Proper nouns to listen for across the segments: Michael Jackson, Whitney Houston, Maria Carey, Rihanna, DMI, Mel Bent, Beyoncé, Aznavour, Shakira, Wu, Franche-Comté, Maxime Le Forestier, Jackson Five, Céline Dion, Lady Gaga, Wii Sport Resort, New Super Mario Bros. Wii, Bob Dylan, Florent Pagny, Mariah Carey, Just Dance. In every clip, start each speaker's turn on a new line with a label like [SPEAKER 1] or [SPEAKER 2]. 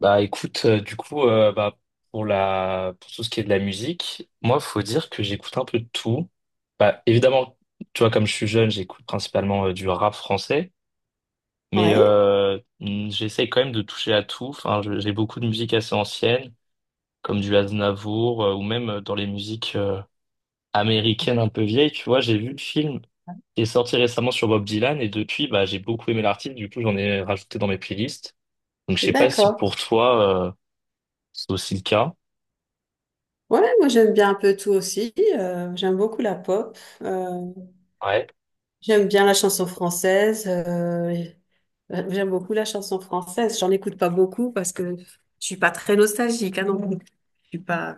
[SPEAKER 1] Bah écoute, du coup, bah, pour la pour tout ce qui est de la musique, moi, faut dire que j'écoute un peu de tout. Bah évidemment, tu vois, comme je suis jeune, j'écoute principalement du rap français, mais
[SPEAKER 2] Ouais,
[SPEAKER 1] j'essaie quand même de toucher à tout. Enfin, j'ai beaucoup de musique assez ancienne, comme du Aznavour, ou même dans les musiques américaines un peu vieilles. Tu vois, j'ai vu le film qui est sorti récemment sur Bob Dylan, et depuis, bah j'ai beaucoup aimé l'artiste. Du coup, j'en ai rajouté dans mes playlists. Donc, je sais pas si
[SPEAKER 2] d'accord.
[SPEAKER 1] pour toi, c'est aussi le cas.
[SPEAKER 2] Ouais, moi j'aime bien un peu tout aussi. J'aime beaucoup la pop.
[SPEAKER 1] Ouais.
[SPEAKER 2] J'aime bien la chanson française. J'aime beaucoup la chanson française. J'en écoute pas beaucoup parce que je suis pas très nostalgique, hein, non plus. Je suis pas.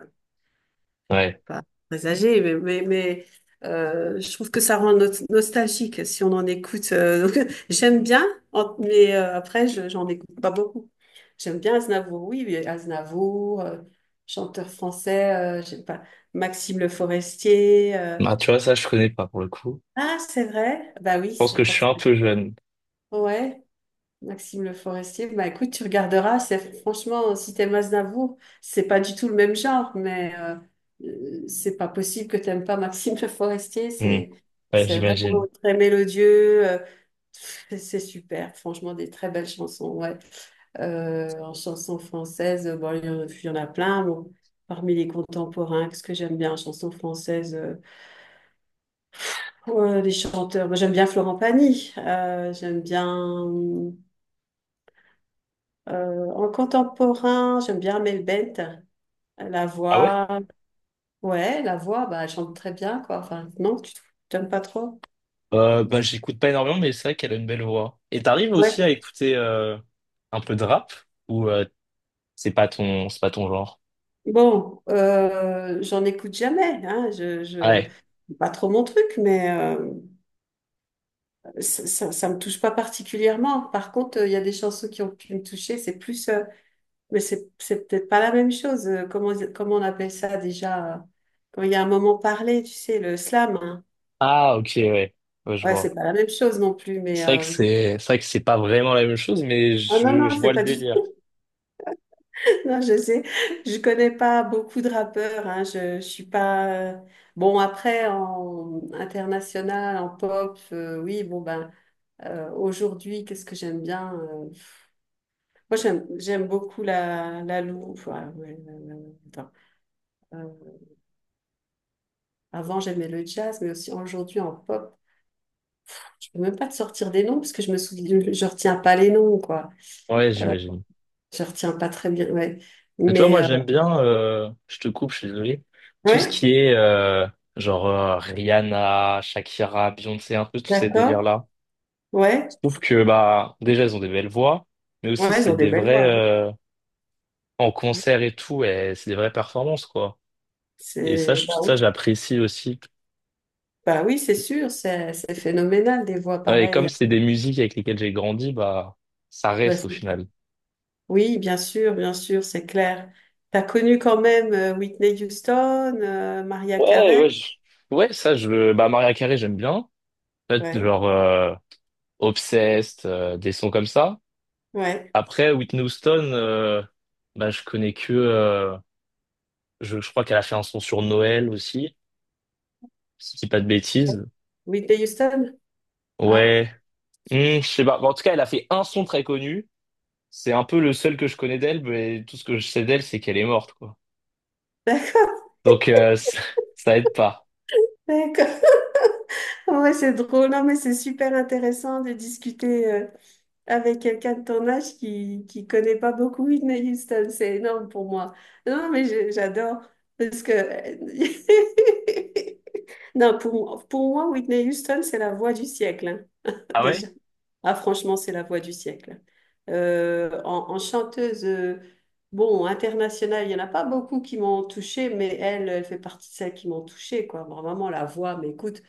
[SPEAKER 1] Ouais.
[SPEAKER 2] Pas très âgé, mais, mais, je trouve que ça rend nostalgique si on en écoute. Donc, j'aime bien, mais après, j'en écoute pas beaucoup. J'aime bien Aznavour, oui, mais Aznavour, chanteur français, j'aime pas, Maxime Le Forestier.
[SPEAKER 1] Ah, tu vois, ça, je connais pas pour le coup.
[SPEAKER 2] Ah, c'est vrai? Bah oui,
[SPEAKER 1] Je pense
[SPEAKER 2] c'est
[SPEAKER 1] que je suis un
[SPEAKER 2] forcément.
[SPEAKER 1] peu jeune.
[SPEAKER 2] Ouais, Maxime Le Forestier, bah écoute, tu regarderas, c'est franchement, si t'aimes Aznavour, c'est pas du tout le même genre, mais c'est pas possible que t'aimes pas Maxime Le Forestier,
[SPEAKER 1] Hmm.
[SPEAKER 2] c'est
[SPEAKER 1] Ouais,
[SPEAKER 2] c'est vraiment
[SPEAKER 1] j'imagine.
[SPEAKER 2] très mélodieux, c'est super, franchement, des très belles chansons, ouais. En chanson française, bon, il y en a plein, bon. Parmi les contemporains, qu'est-ce que j'aime bien en chanson française, les chanteurs, moi j'aime bien Florent Pagny, j'aime bien. En contemporain, j'aime bien Mel Bent, la
[SPEAKER 1] Ah ouais?
[SPEAKER 2] voix. Ouais, la voix, bah, elle chante très bien, quoi. Enfin, non, tu t'aimes pas trop?
[SPEAKER 1] J'écoute pas énormément, mais c'est vrai qu'elle a une belle voix. Et t'arrives aussi
[SPEAKER 2] Ouais.
[SPEAKER 1] à écouter un peu de rap ou c'est pas ton genre?
[SPEAKER 2] Bon, j'en écoute jamais, hein. Je...
[SPEAKER 1] Ouais.
[SPEAKER 2] C'est pas trop mon truc, mais ça me touche pas particulièrement. Par contre, il y a des chansons qui ont pu me toucher. C'est plus, mais c'est peut-être pas la même chose. Comment, comment on appelle ça déjà? Quand il y a un moment parlé, tu sais, le slam. Hein.
[SPEAKER 1] Ah ok ouais. Ouais, je
[SPEAKER 2] Ouais,
[SPEAKER 1] vois.
[SPEAKER 2] c'est pas la même chose non plus,
[SPEAKER 1] C'est
[SPEAKER 2] mais
[SPEAKER 1] vrai que c'est vrai que c'est pas vraiment la même chose, mais
[SPEAKER 2] ah non, non,
[SPEAKER 1] je vois
[SPEAKER 2] c'est
[SPEAKER 1] le
[SPEAKER 2] pas du
[SPEAKER 1] délire.
[SPEAKER 2] tout. Non, je sais, je connais pas beaucoup de rappeurs. Hein. Je suis pas. Bon, après, en international, en pop, oui, bon, ben, aujourd'hui, qu'est-ce que j'aime bien? Moi, j'aime beaucoup la Lou. Enfin, ouais, attends. Euh, Avant, j'aimais le jazz, mais aussi aujourd'hui en pop. Je peux même pas te sortir des noms parce que je me souviens, je retiens pas les noms, quoi.
[SPEAKER 1] Ouais,
[SPEAKER 2] Euh,
[SPEAKER 1] j'imagine.
[SPEAKER 2] je retiens pas très bien, ouais.
[SPEAKER 1] Et tu vois,
[SPEAKER 2] Mais,
[SPEAKER 1] moi, j'aime bien, je te coupe, je suis désolé, tout ce
[SPEAKER 2] ouais,
[SPEAKER 1] qui est Rihanna, Shakira, Beyoncé, un peu tous ces
[SPEAKER 2] d'accord,
[SPEAKER 1] délires-là.
[SPEAKER 2] ouais.
[SPEAKER 1] Je trouve que, bah, déjà, elles ont des belles voix, mais aussi,
[SPEAKER 2] Ouais, ils
[SPEAKER 1] c'est
[SPEAKER 2] ont des
[SPEAKER 1] des
[SPEAKER 2] belles
[SPEAKER 1] vrais,
[SPEAKER 2] voix. Oui.
[SPEAKER 1] en
[SPEAKER 2] Ouais.
[SPEAKER 1] concert et tout, et c'est des vraies performances, quoi. Et ça,
[SPEAKER 2] C'est, bah
[SPEAKER 1] ça,
[SPEAKER 2] oui,
[SPEAKER 1] j'apprécie aussi.
[SPEAKER 2] bah oui, c'est sûr, c'est phénoménal des voix
[SPEAKER 1] Ouais, et comme
[SPEAKER 2] pareilles.
[SPEAKER 1] c'est des musiques avec lesquelles j'ai grandi, bah, ça
[SPEAKER 2] Bah,
[SPEAKER 1] reste au final.
[SPEAKER 2] oui, bien sûr, c'est clair. T'as connu quand même Whitney Houston, Mariah
[SPEAKER 1] Ouais,
[SPEAKER 2] Carey.
[SPEAKER 1] ouais, ouais, ça, je, bah, Maria Carey, j'aime bien. En fait,
[SPEAKER 2] Ouais,
[SPEAKER 1] Obsessed, des sons comme ça.
[SPEAKER 2] ouais.
[SPEAKER 1] Après, Whitney Houston, bah, je connais que. Je crois qu'elle a fait un son sur Noël aussi, si je dis pas de bêtises.
[SPEAKER 2] Whitney Houston? Ah,
[SPEAKER 1] Ouais. Hmm, je sais pas. Bon, en tout cas, elle a fait un son très connu. C'est un peu le seul que je connais d'elle, mais tout ce que je sais d'elle, c'est qu'elle est morte, quoi. Donc, ça aide pas.
[SPEAKER 2] d'accord. Ouais, c'est drôle. Non, mais c'est super intéressant de discuter. Avec quelqu'un de ton âge qui connaît pas beaucoup Whitney Houston. C'est énorme pour moi. Non, mais j'adore parce que non, pour moi Whitney Houston c'est la voix du siècle hein,
[SPEAKER 1] Ah ouais?
[SPEAKER 2] déjà. Ah franchement c'est la voix du siècle. En chanteuse bon internationale il y en a pas beaucoup qui m'ont touchée mais elle fait partie de celles qui m'ont touchée quoi. Bon, vraiment la voix mais écoute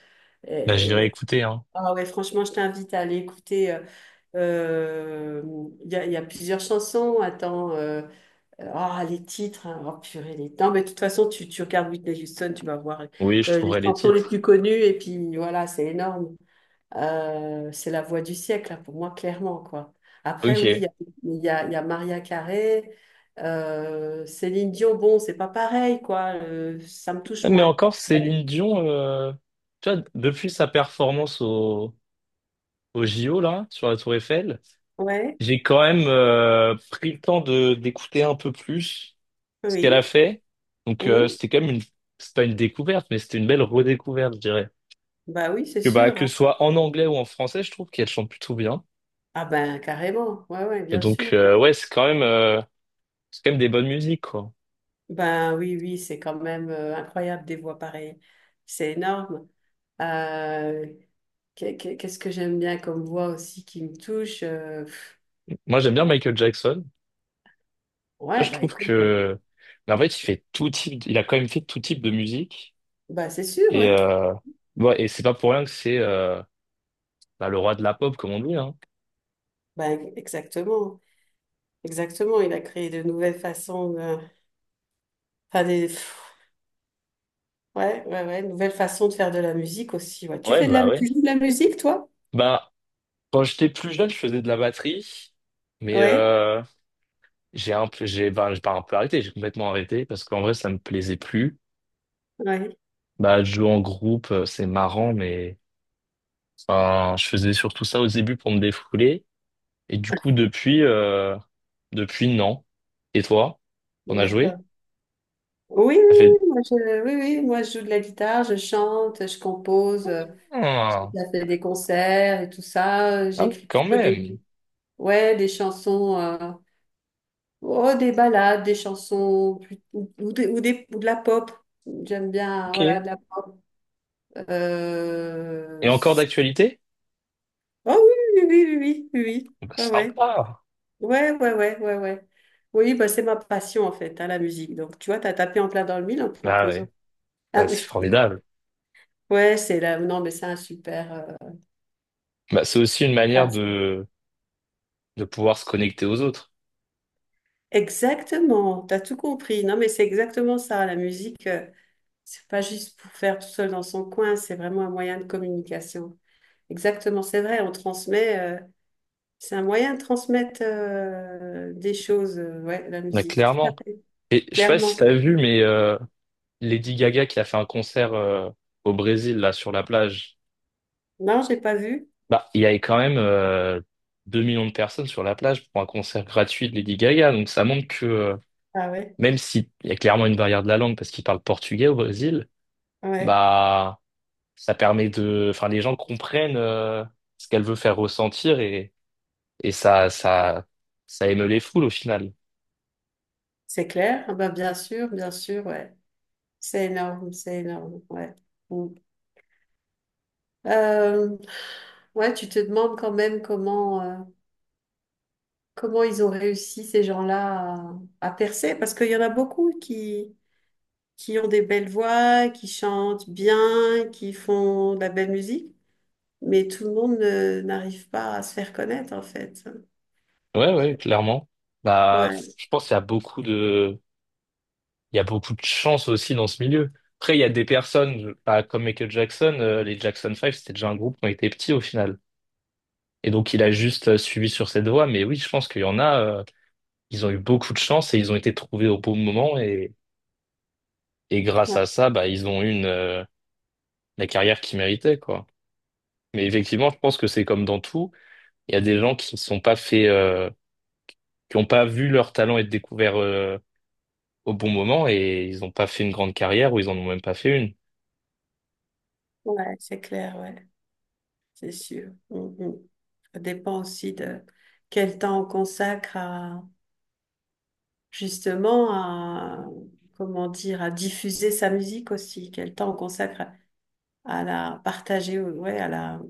[SPEAKER 1] Bah, j'irai
[SPEAKER 2] euh,
[SPEAKER 1] écouter, hein.
[SPEAKER 2] ah ouais, franchement, je t'invite à aller écouter. Euh, il y a plusieurs chansons. Attends, ah, les titres. Hein, oh purée, les... Non, mais de toute façon, tu regardes Whitney Houston, tu vas voir
[SPEAKER 1] Oui, je
[SPEAKER 2] les
[SPEAKER 1] trouverai les
[SPEAKER 2] chansons les
[SPEAKER 1] titres.
[SPEAKER 2] plus connues. Et puis voilà, c'est énorme. C'est la voix du siècle, là, pour moi, clairement, quoi. Après, oui,
[SPEAKER 1] Ok.
[SPEAKER 2] il y a Maria Carey, Céline Dion. Bon, c'est pas pareil, quoi. Ça me touche
[SPEAKER 1] Mais
[SPEAKER 2] moins.
[SPEAKER 1] encore,
[SPEAKER 2] Ouais,
[SPEAKER 1] Céline Dion, tu vois, depuis sa performance au JO, là, sur la Tour Eiffel.
[SPEAKER 2] ouais,
[SPEAKER 1] J'ai quand même pris le temps de d'écouter un peu plus ce qu'elle a
[SPEAKER 2] oui.
[SPEAKER 1] fait.
[SPEAKER 2] Hum,
[SPEAKER 1] C'était quand même une c'est pas une découverte, mais c'était une belle redécouverte, je dirais.
[SPEAKER 2] bah oui, c'est
[SPEAKER 1] Que
[SPEAKER 2] sûr.
[SPEAKER 1] que
[SPEAKER 2] Hein.
[SPEAKER 1] ce soit en anglais ou en français, je trouve qu'elle chante plutôt bien.
[SPEAKER 2] Ah ben carrément, ouais, ouais,
[SPEAKER 1] Et
[SPEAKER 2] bien
[SPEAKER 1] donc
[SPEAKER 2] sûr.
[SPEAKER 1] ouais, c'est quand même des bonnes musiques quoi.
[SPEAKER 2] Ben oui, oui, c'est quand même incroyable des voix pareilles. C'est énorme. Euh, Qu'est-ce que j'aime bien comme voix aussi qui me touche?
[SPEAKER 1] Moi j'aime bien Michael Jackson. Ça,
[SPEAKER 2] Ouais,
[SPEAKER 1] je
[SPEAKER 2] bah
[SPEAKER 1] trouve
[SPEAKER 2] écoute,
[SPEAKER 1] que mais en fait il fait tout type, il a quand même fait tout type de musique.
[SPEAKER 2] bah c'est sûr,
[SPEAKER 1] Et
[SPEAKER 2] ouais.
[SPEAKER 1] ouais, et c'est pas pour rien que c'est bah, le roi de la pop comme on dit hein.
[SPEAKER 2] Exactement, exactement. Il a créé de nouvelles façons de... Enfin, des... ouais, ouais, ouais, nouvelles façons de faire de la musique aussi. Ouais. Tu fais de la...
[SPEAKER 1] Ouais.
[SPEAKER 2] Tu joues de la musique, toi?
[SPEAKER 1] Bah quand j'étais plus jeune, je faisais de la batterie, mais
[SPEAKER 2] Ouais,
[SPEAKER 1] j'ai un peu, j'ai, ben, j'ai pas un peu arrêté, j'ai complètement arrêté parce qu'en vrai, ça me plaisait plus.
[SPEAKER 2] ouais,
[SPEAKER 1] Bah, de jouer en groupe, c'est marrant, mais enfin, je faisais surtout ça au début pour me défouler. Et du coup, depuis, non. Et toi, on a
[SPEAKER 2] d'accord.
[SPEAKER 1] joué?
[SPEAKER 2] Oui,
[SPEAKER 1] Ça fait
[SPEAKER 2] oui, oui, oui, moi je joue de la guitare, je chante, je compose, j'ai
[SPEAKER 1] ah,
[SPEAKER 2] déjà fait des concerts et tout ça.
[SPEAKER 1] ah,
[SPEAKER 2] J'écris
[SPEAKER 1] quand
[SPEAKER 2] plutôt
[SPEAKER 1] même.
[SPEAKER 2] ouais, des chansons, oh, des ballades, des chansons plus- ou des, ou, des- ou de la pop. J'aime bien,
[SPEAKER 1] Ok.
[SPEAKER 2] voilà,
[SPEAKER 1] Et
[SPEAKER 2] euh,
[SPEAKER 1] encore
[SPEAKER 2] s-
[SPEAKER 1] d'actualité?
[SPEAKER 2] oh oui, oui, oui, oui,
[SPEAKER 1] Bah,
[SPEAKER 2] oui, oui,
[SPEAKER 1] sympa.
[SPEAKER 2] oui, ouais, ouais, ouais, ouais, ouais, ouais. Ouais. Oui, bah, c'est ma passion en fait, hein, la musique. Donc tu vois, t'as tapé en plein dans le mille en
[SPEAKER 1] Bah
[SPEAKER 2] proposant.
[SPEAKER 1] ouais.
[SPEAKER 2] Ah
[SPEAKER 1] Bah,
[SPEAKER 2] oui.
[SPEAKER 1] c'est formidable.
[SPEAKER 2] Ouais, c'est là. Non, mais c'est un super.
[SPEAKER 1] Bah, c'est aussi une manière
[SPEAKER 2] Passe.
[SPEAKER 1] de pouvoir se connecter aux autres.
[SPEAKER 2] Exactement, t'as tout compris. Non, mais c'est exactement ça. La musique, c'est pas juste pour faire tout seul dans son coin, c'est vraiment un moyen de communication. Exactement, c'est vrai, on transmet, c'est un moyen de transmettre des choses, ouais, la
[SPEAKER 1] Mais
[SPEAKER 2] musique, tout à
[SPEAKER 1] clairement.
[SPEAKER 2] fait,
[SPEAKER 1] Et je sais pas si
[SPEAKER 2] clairement.
[SPEAKER 1] t'as vu, mais Lady Gaga qui a fait un concert au Brésil, là, sur la plage,
[SPEAKER 2] Non, j'ai pas vu.
[SPEAKER 1] bah, il y avait quand même 2 millions de personnes sur la plage pour un concert gratuit de Lady Gaga. Donc ça montre que
[SPEAKER 2] Ah ouais,
[SPEAKER 1] même s'il y a clairement une barrière de la langue parce qu'ils parlent portugais au Brésil,
[SPEAKER 2] ouais,
[SPEAKER 1] bah ça permet de. Enfin, les gens comprennent ce qu'elle veut faire ressentir et, et ça, ça, ça émeut les foules au final.
[SPEAKER 2] c'est clair. Ah bah, bien sûr, ouais. C'est énorme, ouais. Mm. Euh, ouais, tu te demandes quand même comment. Comment ils ont réussi ces gens-là à percer? Parce qu'il y en a beaucoup qui ont des belles voix, qui chantent bien, qui font de la belle musique, mais tout le monde n'arrive pas à se faire connaître en fait.
[SPEAKER 1] Ouais, ouais, clairement. Bah,
[SPEAKER 2] Ouais,
[SPEAKER 1] je pense qu'il y a beaucoup de il y a beaucoup de chance aussi dans ce milieu. Après, il y a des personnes, bah, comme Michael Jackson, les Jackson Five c'était déjà un groupe qui était petit au final. Et donc, il a juste suivi sur cette voie. Mais oui, je pense qu'il y en a, ils ont eu beaucoup de chance et ils ont été trouvés au bon moment. Et grâce
[SPEAKER 2] ouais,
[SPEAKER 1] à ça, bah, ils ont eu une, la carrière qu'ils méritaient, quoi. Mais effectivement, je pense que c'est comme dans tout. Il y a des gens qui ne sont pas fait, qui n'ont pas vu leur talent être découvert, au bon moment et ils n'ont pas fait une grande carrière ou ils en ont même pas fait une.
[SPEAKER 2] ouais, c'est clair, ouais, c'est sûr. Mm, mm. Ça dépend aussi de quel temps on consacre à justement à comment dire à diffuser sa musique aussi, quel temps on consacre à la partager, ouais, à la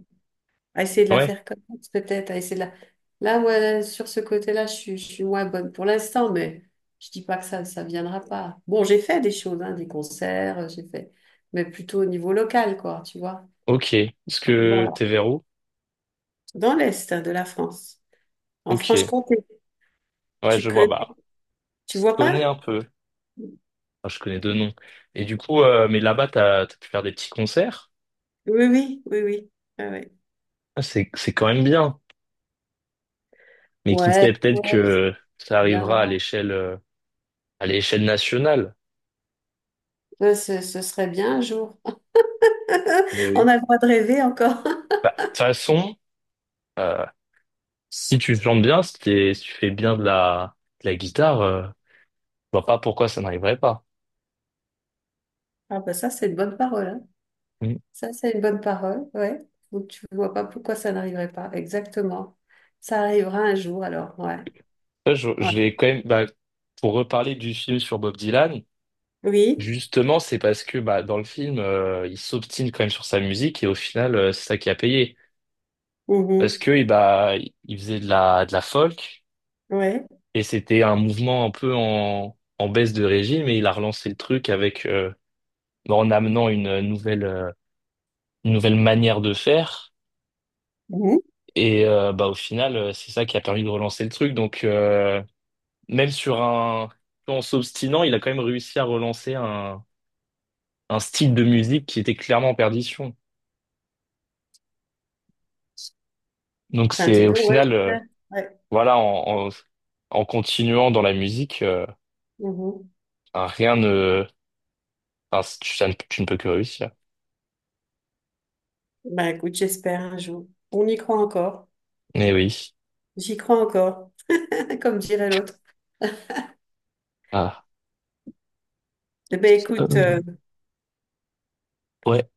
[SPEAKER 2] à essayer de la
[SPEAKER 1] Ouais,
[SPEAKER 2] faire connaître, peut-être, à essayer de la... Là, ouais, sur ce côté-là, je suis moins bonne pour l'instant, mais je dis pas que ça viendra pas. Bon, j'ai fait des choses, hein, des concerts, mais plutôt au niveau local, quoi, tu vois.
[SPEAKER 1] ok. Est-ce que
[SPEAKER 2] Voilà.
[SPEAKER 1] t'es vers où?
[SPEAKER 2] Dans l'Est hein, de la France, en
[SPEAKER 1] Ok,
[SPEAKER 2] Franche-Comté,
[SPEAKER 1] ouais,
[SPEAKER 2] tu
[SPEAKER 1] je vois,
[SPEAKER 2] connais,
[SPEAKER 1] bah,
[SPEAKER 2] tu
[SPEAKER 1] je
[SPEAKER 2] vois
[SPEAKER 1] connais
[SPEAKER 2] pas?
[SPEAKER 1] un peu. Enfin, je connais deux noms. Et du coup, mais là-bas, t'as pu faire des petits concerts?
[SPEAKER 2] Oui, oui, oui, oui. Ah ouais.
[SPEAKER 1] Ah, c'est quand même bien. Mais qui sait,
[SPEAKER 2] Ouais,
[SPEAKER 1] peut-être
[SPEAKER 2] ouais, ça
[SPEAKER 1] que ça arrivera
[SPEAKER 2] viendra.
[SPEAKER 1] à l'échelle nationale.
[SPEAKER 2] Ouais, ce serait bien un jour.
[SPEAKER 1] Mais
[SPEAKER 2] On
[SPEAKER 1] oui.
[SPEAKER 2] a le droit de rêver encore.
[SPEAKER 1] Bah, de toute façon, euh, si tu chantes bien, si tu fais bien de de la guitare, je vois pas pourquoi ça n'arriverait pas.
[SPEAKER 2] Ah, bah ça, c'est une bonne parole, hein.
[SPEAKER 1] Mm.
[SPEAKER 2] Ça, c'est une bonne parole, ouais. Donc, tu vois pas pourquoi ça n'arriverait pas. Exactement. Ça arrivera un jour, alors, ouais.
[SPEAKER 1] Ça, Je,
[SPEAKER 2] Ouais.
[SPEAKER 1] je vais quand même, bah, pour reparler du film sur Bob Dylan.
[SPEAKER 2] Oui.
[SPEAKER 1] Justement, c'est parce que bah, dans le film, il s'obstine quand même sur sa musique et au final, c'est ça qui a payé. Parce
[SPEAKER 2] Mhm.
[SPEAKER 1] que eh bah, il faisait de de la folk
[SPEAKER 2] Ouais.
[SPEAKER 1] et c'était un mouvement un peu en baisse de régime et il a relancé le truc avec bah, en amenant une nouvelle manière de faire.
[SPEAKER 2] Mhm.
[SPEAKER 1] Et bah, au final, c'est ça qui a permis de relancer le truc. Donc, même sur un, en s'obstinant, il a quand même réussi à relancer un style de musique qui était clairement en perdition. Donc
[SPEAKER 2] Ben, dis
[SPEAKER 1] c'est au
[SPEAKER 2] donc, ouais.
[SPEAKER 1] final
[SPEAKER 2] J'espère. Ouais.
[SPEAKER 1] voilà, en continuant dans la musique,
[SPEAKER 2] Mhm.
[SPEAKER 1] enfin, rien ne, enfin, ça ne- tu ne peux que réussir.
[SPEAKER 2] Ben, écoute, j'espère un jour. On y croit encore.
[SPEAKER 1] Mais oui.
[SPEAKER 2] J'y crois encore, comme dirait l'autre.
[SPEAKER 1] Ah.
[SPEAKER 2] Eh ben, écoute,
[SPEAKER 1] Euh, ouais.